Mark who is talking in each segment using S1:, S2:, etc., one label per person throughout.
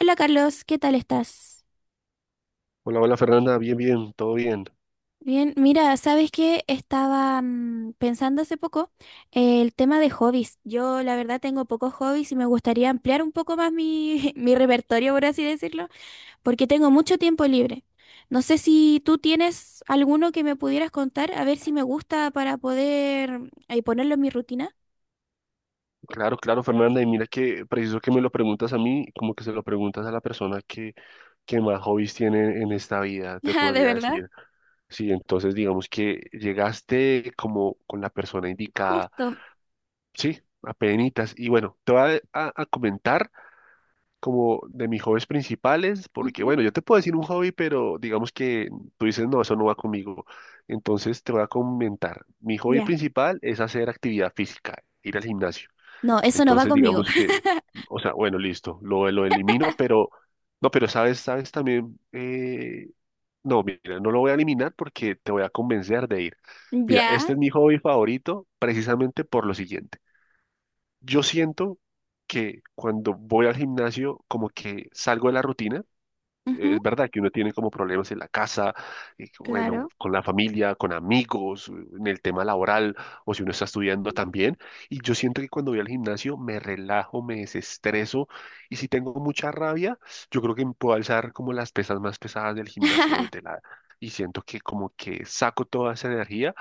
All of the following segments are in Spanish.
S1: Hola Carlos, ¿qué tal estás?
S2: Hola, hola Fernanda, bien, bien, todo bien.
S1: Bien, mira, ¿sabes qué? Estaba pensando hace poco el tema de hobbies. Yo la verdad tengo pocos hobbies y me gustaría ampliar un poco más mi, mi repertorio, por así decirlo, porque tengo mucho tiempo libre. No sé si tú tienes alguno que me pudieras contar, a ver si me gusta para poder ponerlo en mi rutina.
S2: Claro, claro Fernanda, y mira que preciso que me lo preguntas a mí, como que se lo preguntas a la persona que más hobbies tiene en esta vida, te
S1: Ah, ¿de
S2: podría
S1: verdad?
S2: decir. Sí, entonces digamos que llegaste como con la persona indicada,
S1: Justo.
S2: sí, apenitas. Y bueno, te voy a, a comentar como de mis hobbies principales, porque
S1: Ujú.
S2: bueno, yo te puedo decir un hobby, pero digamos que tú dices, no, eso no va conmigo. Entonces te voy a comentar, mi hobby
S1: Ya.
S2: principal es hacer actividad física, ir al gimnasio.
S1: No, eso no va
S2: Entonces
S1: conmigo.
S2: digamos que, o sea, bueno, listo, lo elimino, pero no, pero sabes, sabes también, no, mira, no lo voy a eliminar porque te voy a convencer de ir. Mira, este
S1: Ya.
S2: es mi hobby favorito precisamente por lo siguiente. Yo siento que cuando voy al gimnasio, como que salgo de la rutina.
S1: Ujú.
S2: Es verdad que uno tiene como problemas en la casa, bueno,
S1: Claro.
S2: con la familia, con amigos, en el tema laboral, o si uno está estudiando también. Y yo siento que cuando voy al gimnasio me relajo, me desestreso. Y si tengo mucha rabia, yo creo que puedo alzar como las pesas más pesadas del gimnasio desde la... Y siento que como que saco toda esa energía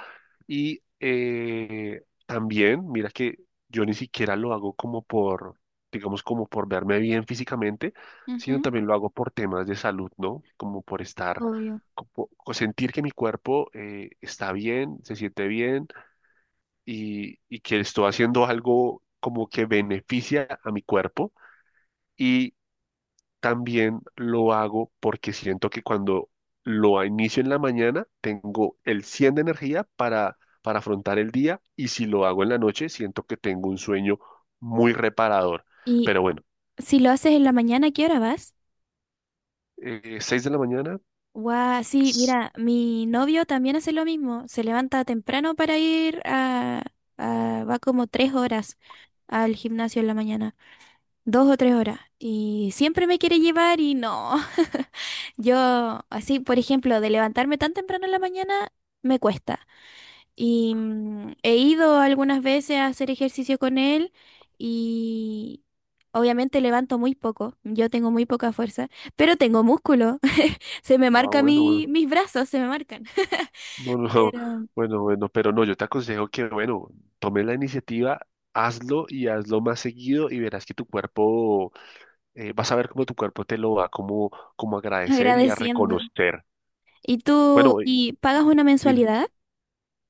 S2: y también, mira que yo ni siquiera lo hago como por, digamos, como por verme bien físicamente, sino
S1: Ujú.
S2: también lo hago por temas de salud, ¿no? Como por estar,
S1: Obvio.
S2: como, o sentir que mi cuerpo está bien, se siente bien y que estoy haciendo algo como que beneficia a mi cuerpo. Y también lo hago porque siento que cuando lo inicio en la mañana, tengo el 100 de energía para afrontar el día y si lo hago en la noche, siento que tengo un sueño muy reparador.
S1: Y
S2: Pero bueno,
S1: si lo haces en la mañana, ¿a ¿qué hora vas?
S2: 6 de la mañana,
S1: Guau, sí,
S2: ps,
S1: mira, mi novio también hace lo mismo. Se levanta temprano para ir a, va como 3 horas al gimnasio en la mañana. 2 o 3 horas. Y siempre me quiere llevar y no. Yo, así, por ejemplo, de levantarme tan temprano en la mañana, me cuesta. Y he ido algunas veces a hacer ejercicio con él y obviamente levanto muy poco. Yo tengo muy poca fuerza, pero tengo músculo. Se me
S2: ah,
S1: marca
S2: bueno, bueno,
S1: mis brazos, se me marcan.
S2: no, no,
S1: Pero
S2: bueno, bueno, pero no, yo te aconsejo que, bueno, tome la iniciativa. Hazlo y hazlo más seguido y verás que tu cuerpo, vas a ver cómo tu cuerpo te lo va como, como a agradecer y a
S1: agradeciendo.
S2: reconocer.
S1: ¿Y tú,
S2: Bueno,
S1: y
S2: y-
S1: pagas una
S2: dime.
S1: mensualidad?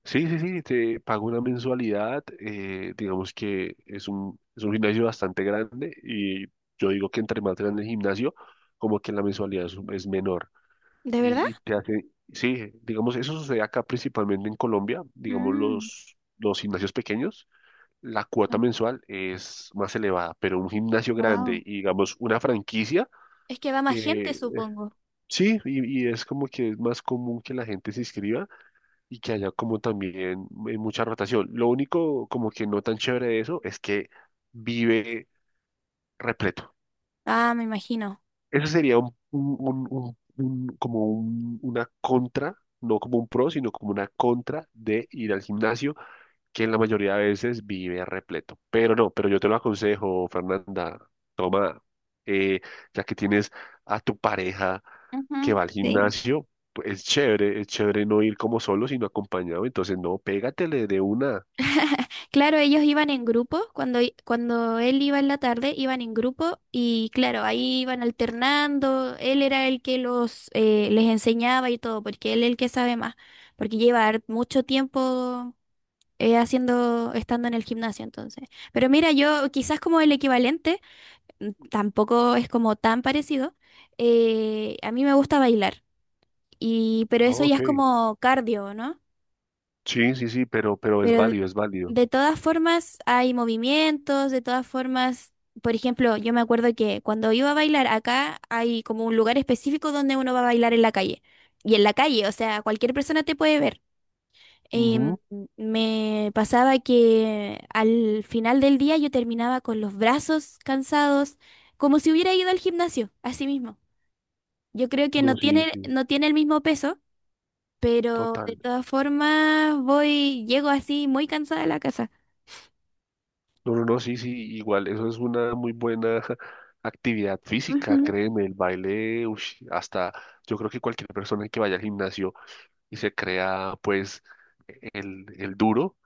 S2: Sí, sí, sí, te pago una mensualidad, digamos que es un gimnasio bastante grande y yo digo que entre más grande el gimnasio, como que la mensualidad es menor.
S1: ¿De verdad?
S2: Y te hace, sí, digamos, eso sucede acá principalmente en Colombia, digamos,
S1: Mm,
S2: los gimnasios pequeños, la cuota mensual es más elevada, pero un gimnasio grande
S1: wow.
S2: y digamos una franquicia,
S1: Es que va más
S2: eh,
S1: gente, supongo.
S2: sí, y es como que es más común que la gente se inscriba. Y que haya como también mucha rotación. Lo único como que no tan chévere de eso es que vive repleto.
S1: Ah, me imagino.
S2: Eso sería un, como una contra, no como un pro, sino como una contra de ir al gimnasio, que en la mayoría de veces vive repleto. Pero no, pero yo te lo aconsejo, Fernanda, toma, eh, ya que tienes a tu pareja que
S1: Ujú.
S2: va al
S1: Sí.
S2: gimnasio, pues, es chévere no ir como solo, sino acompañado. Entonces, no, pégatele de una.
S1: Claro, ellos iban en grupo, cuando, cuando él iba en la tarde, iban en grupo y claro, ahí iban alternando, él era el que los les enseñaba y todo, porque él es el que sabe más, porque lleva mucho tiempo haciendo, estando en el gimnasio entonces. Pero mira, yo quizás como el equivalente, tampoco es como tan parecido, a mí me gusta bailar, y, pero eso
S2: Oh,
S1: ya es
S2: ok.
S1: como cardio, ¿no?
S2: Sí, sí, sí, pero es
S1: Pero
S2: válido, es válido.
S1: de todas formas hay movimientos, de todas formas, por ejemplo, yo me acuerdo que cuando iba a bailar acá hay como un lugar específico donde uno va a bailar en la calle. Y en la calle, o sea, cualquier persona te puede ver. Em,
S2: Ujú.
S1: me pasaba que al final del día yo terminaba con los brazos cansados, como si hubiera ido al gimnasio, así mismo. Yo creo que
S2: No, sí, sí,
S1: no tiene el mismo peso, pero de
S2: total.
S1: todas formas voy, llego así muy cansada a la casa.
S2: No, no, no, sí, sí, igual, eso es una muy buena actividad física,
S1: Ujú.
S2: créeme, el baile, ush, hasta yo creo que cualquier persona que vaya al gimnasio y se crea, pues, el duro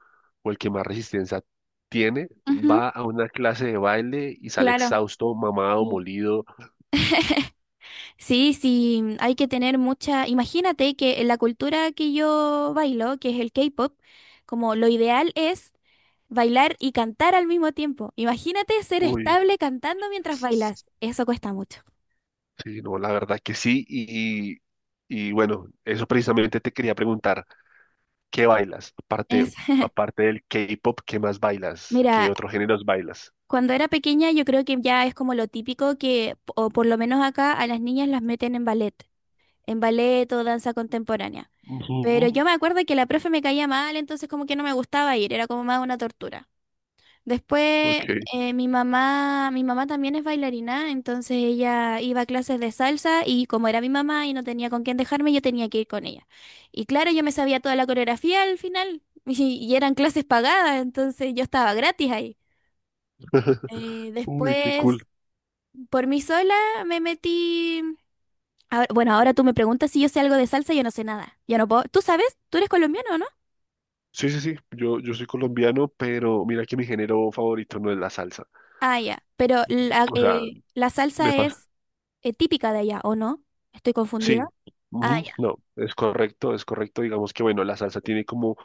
S2: o el que más resistencia tiene,
S1: Ujú,
S2: va a una clase de baile y sale
S1: claro.
S2: exhausto, mamado,
S1: Sí.
S2: molido.
S1: Sí, sí, hay que tener mucha. Imagínate que en la cultura que yo bailo, que es el K-pop, como lo ideal es bailar y cantar al mismo tiempo. Imagínate ser
S2: Uy.
S1: estable cantando mientras bailas. Eso cuesta mucho.
S2: Sí, no, la verdad que sí. Y bueno, eso precisamente te quería preguntar, ¿qué bailas? Aparte,
S1: Es...
S2: aparte del K-pop, ¿qué más bailas? ¿Qué
S1: Mira,
S2: otros géneros bailas?
S1: cuando era pequeña yo creo que ya es como lo típico que, o por lo menos acá, a las niñas las meten en ballet o danza contemporánea. Pero
S2: Ujú,
S1: yo me acuerdo que la profe me caía mal, entonces como que no me gustaba ir, era como más una tortura. Después
S2: ok.
S1: mi mamá también es bailarina, entonces ella iba a clases de salsa y como era mi mamá y no tenía con quién dejarme, yo tenía que ir con ella. Y claro, yo me sabía toda la coreografía al final y eran clases pagadas, entonces yo estaba gratis ahí.
S2: Uy, qué cool.
S1: Después, por mí sola me metí. Bueno, ahora tú me preguntas si yo sé algo de salsa, yo no sé nada. Yo no puedo. ¿Tú sabes? ¿Tú eres colombiano, o no?
S2: Sí, sí, sí. Yo soy colombiano, pero mira que mi género favorito no es la salsa.
S1: Ah, ya. Pero
S2: O sea,
S1: la
S2: me
S1: salsa
S2: pasa.
S1: es típica de allá, ¿o no? Estoy confundida.
S2: Sí.
S1: Ah,
S2: Ujú,
S1: ya.
S2: no, es correcto, es correcto. Digamos que bueno, la salsa tiene como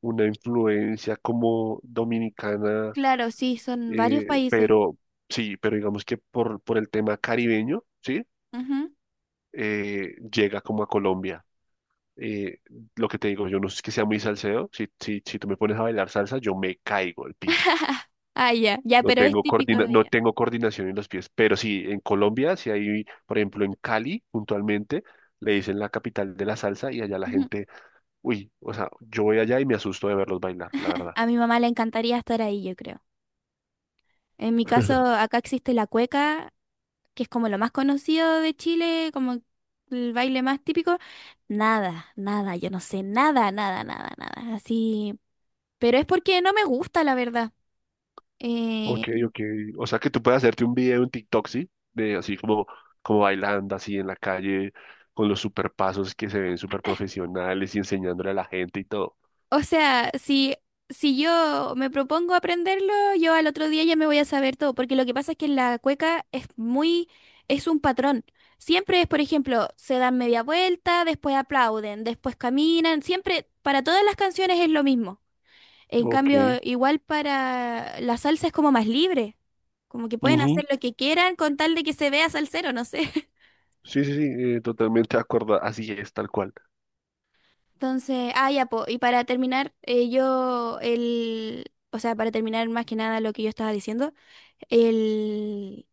S2: una influencia como dominicana.
S1: Claro, sí, son varios países.
S2: Pero sí, pero digamos que por el tema caribeño, ¿sí?
S1: Ujú.
S2: Llega como a Colombia. Eh, lo que te digo, yo no es que sea muy salseo. Si, si, si tú me pones a bailar salsa, yo me caigo al piso.
S1: Ah, ya. Ya,
S2: No
S1: pero es
S2: tengo
S1: típico de
S2: no
S1: allá.
S2: tengo coordinación en los pies. Pero sí, en Colombia, si hay, por ejemplo, en Cali, puntualmente, le dicen la capital de la salsa y allá la
S1: Ujú.
S2: gente, uy, o sea, yo voy allá y me asusto de verlos bailar, la verdad.
S1: A mi mamá le encantaría estar ahí, yo creo. En mi caso, acá existe la cueca, que es como lo más conocido de Chile, como el baile más típico. Nada, nada, yo no sé, nada, nada, nada, nada. Así. Pero es porque no me gusta, la verdad. Eh,
S2: Ok, ok. O sea que tú puedes hacerte un video en TikTok, ¿sí? De así como, como bailando así en la calle, con los super pasos que se ven súper profesionales y enseñándole a la gente y todo.
S1: O sea, si yo me propongo aprenderlo, yo al otro día ya me voy a saber todo, porque lo que pasa es que la cueca es muy, es un patrón. Siempre es, por ejemplo, se dan media vuelta, después aplauden, después caminan, siempre, para todas las canciones es lo mismo. En
S2: Ok.
S1: cambio, igual para la salsa es como más libre, como que pueden
S2: Ujú.
S1: hacer lo que quieran con tal de que se vea salsero, no sé.
S2: Sí, sí, sí, totalmente de acuerdo. Así es, tal cual.
S1: Entonces, ah, ya, po, y para terminar, o sea, para terminar más que nada lo que yo estaba diciendo. El,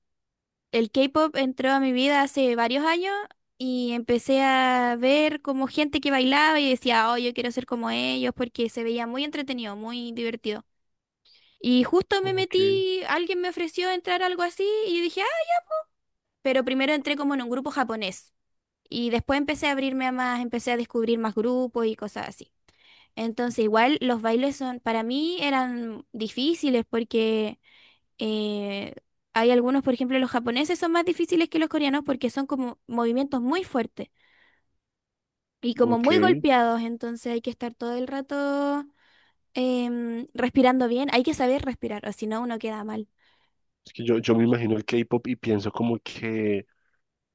S1: el K-pop entró a mi vida hace varios años y empecé a ver como gente que bailaba y decía, oh, yo quiero ser como ellos porque se veía muy entretenido, muy divertido. Y justo me
S2: Ok,
S1: metí, alguien me ofreció entrar a algo así y yo dije, ah, pero primero entré como en un grupo japonés y después empecé a abrirme a más, empecé a descubrir más grupos y cosas así. Entonces igual los bailes son, para mí eran difíciles porque. Eh, hay algunos, por ejemplo, los japoneses son más difíciles que los coreanos porque son como movimientos muy fuertes y como
S2: ok.
S1: muy golpeados, entonces hay que estar todo el rato respirando bien, hay que saber respirar, o si no uno queda mal.
S2: Es que yo me imagino el K-pop y pienso como que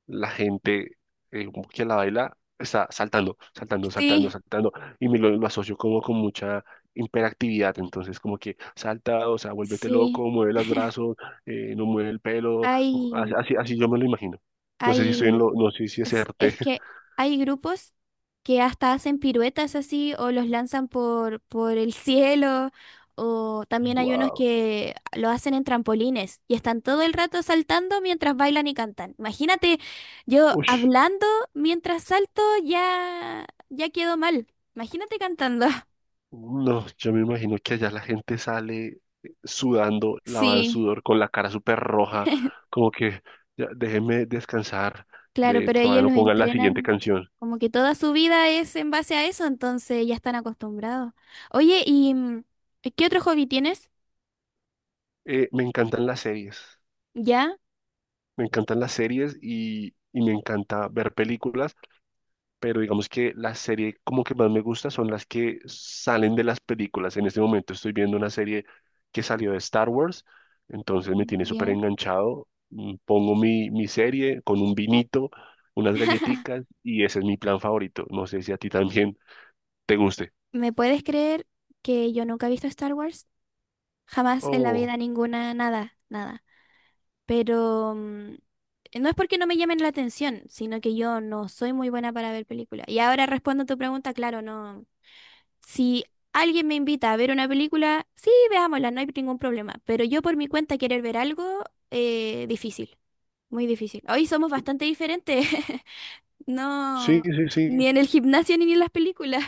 S2: la gente eh, que la baila está saltando, saltando, saltando,
S1: Sí,
S2: saltando, y me lo asocio como con mucha hiperactividad, entonces como que salta, o sea, vuélvete
S1: sí,
S2: loco, mueve los brazos, no mueve el pelo, así,
S1: hay,
S2: así, así yo me lo imagino. No sé si estoy en lo,
S1: hay.
S2: no sé si
S1: Es
S2: acerté.
S1: es que hay grupos que hasta hacen piruetas así o los lanzan por el cielo o también hay unos
S2: Wow.
S1: que lo hacen en trampolines y están todo el rato saltando mientras bailan y cantan. Imagínate, yo
S2: Ush.
S1: hablando mientras salto ya, ya quedo mal. Imagínate cantando.
S2: No, yo me imagino que allá la gente sale sudando, lavan
S1: Sí,
S2: sudor, con la cara súper roja, como que ya, déjenme descansar,
S1: claro,
S2: de,
S1: pero
S2: todavía
S1: ellos
S2: no
S1: los
S2: pongan la siguiente
S1: entrenan
S2: canción.
S1: como que toda su vida es en base a eso, entonces ya están acostumbrados. Oye, ¿y qué otro hobby tienes?
S2: Me encantan las series,
S1: ¿Ya?
S2: me encantan las series y me encanta ver películas, pero digamos que la serie como que más me gusta son las que salen de las películas. En este momento estoy viendo una serie que salió de Star Wars, entonces me tiene súper
S1: Ya.
S2: enganchado. Mm, pongo mi, mi serie con un vinito, unas galletitas y ese es mi plan favorito. No sé si a ti también te guste.
S1: ¿Me puedes creer que yo nunca he visto Star Wars? Jamás en la
S2: Oh,
S1: vida ninguna, nada, nada. Pero no es porque no me llamen la atención, sino que yo no soy muy buena para ver películas. Y ahora respondo a tu pregunta, claro, no. Si alguien me invita a ver una película, sí, veámosla, no hay ningún problema. Pero yo por mi cuenta querer ver algo, difícil, muy difícil. Hoy somos bastante diferentes.
S2: sí,
S1: No,
S2: sí, sí.
S1: ni en el gimnasio ni en las películas.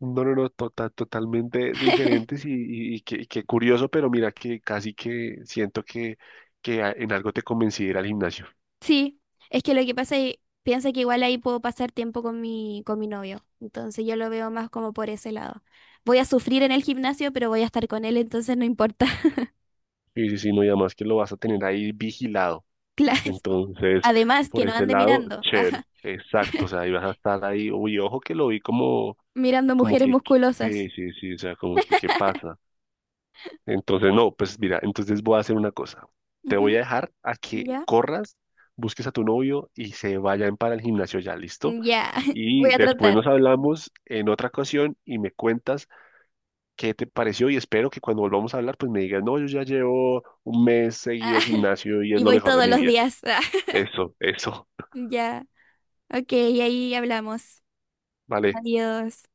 S2: No, no, no, totalmente diferentes y, y qué curioso, pero mira que casi que siento que en algo te convencí de ir al gimnasio.
S1: Sí, es que lo que pasa es, piensa que igual ahí puedo pasar tiempo con con mi novio, entonces yo lo veo más como por ese lado. Voy a sufrir en el gimnasio, pero voy a estar con él, entonces no importa.
S2: Sí, sí, sí, no, y además que lo vas a tener ahí vigilado.
S1: Claro, es-
S2: Entonces,
S1: Además, que
S2: por
S1: no
S2: ese
S1: ande
S2: lado,
S1: mirando,
S2: chévere,
S1: ajá,
S2: exacto, o sea, ibas a estar ahí, uy, ojo que lo vi como,
S1: mirando
S2: como
S1: mujeres
S2: que,
S1: musculosas.
S2: sí, sí, sí, o sea, como que, ¿qué pasa? Entonces, no, pues mira, entonces voy a hacer una cosa. Te voy a
S1: Ujú.
S2: dejar a que
S1: ¿Ya?
S2: corras, busques a tu novio y se vayan para el gimnasio ya, ¿listo?
S1: Ya,
S2: Y
S1: voy a
S2: después
S1: tratar.
S2: nos hablamos en otra ocasión y me cuentas qué te pareció y espero que cuando volvamos a hablar pues me digas, no, yo ya llevo 1 mes seguido al gimnasio y es
S1: Y
S2: lo
S1: voy
S2: mejor de
S1: todos
S2: mi
S1: los
S2: vida.
S1: días.
S2: Eso,
S1: Ya, ok, ahí hablamos.
S2: vale.
S1: Adiós.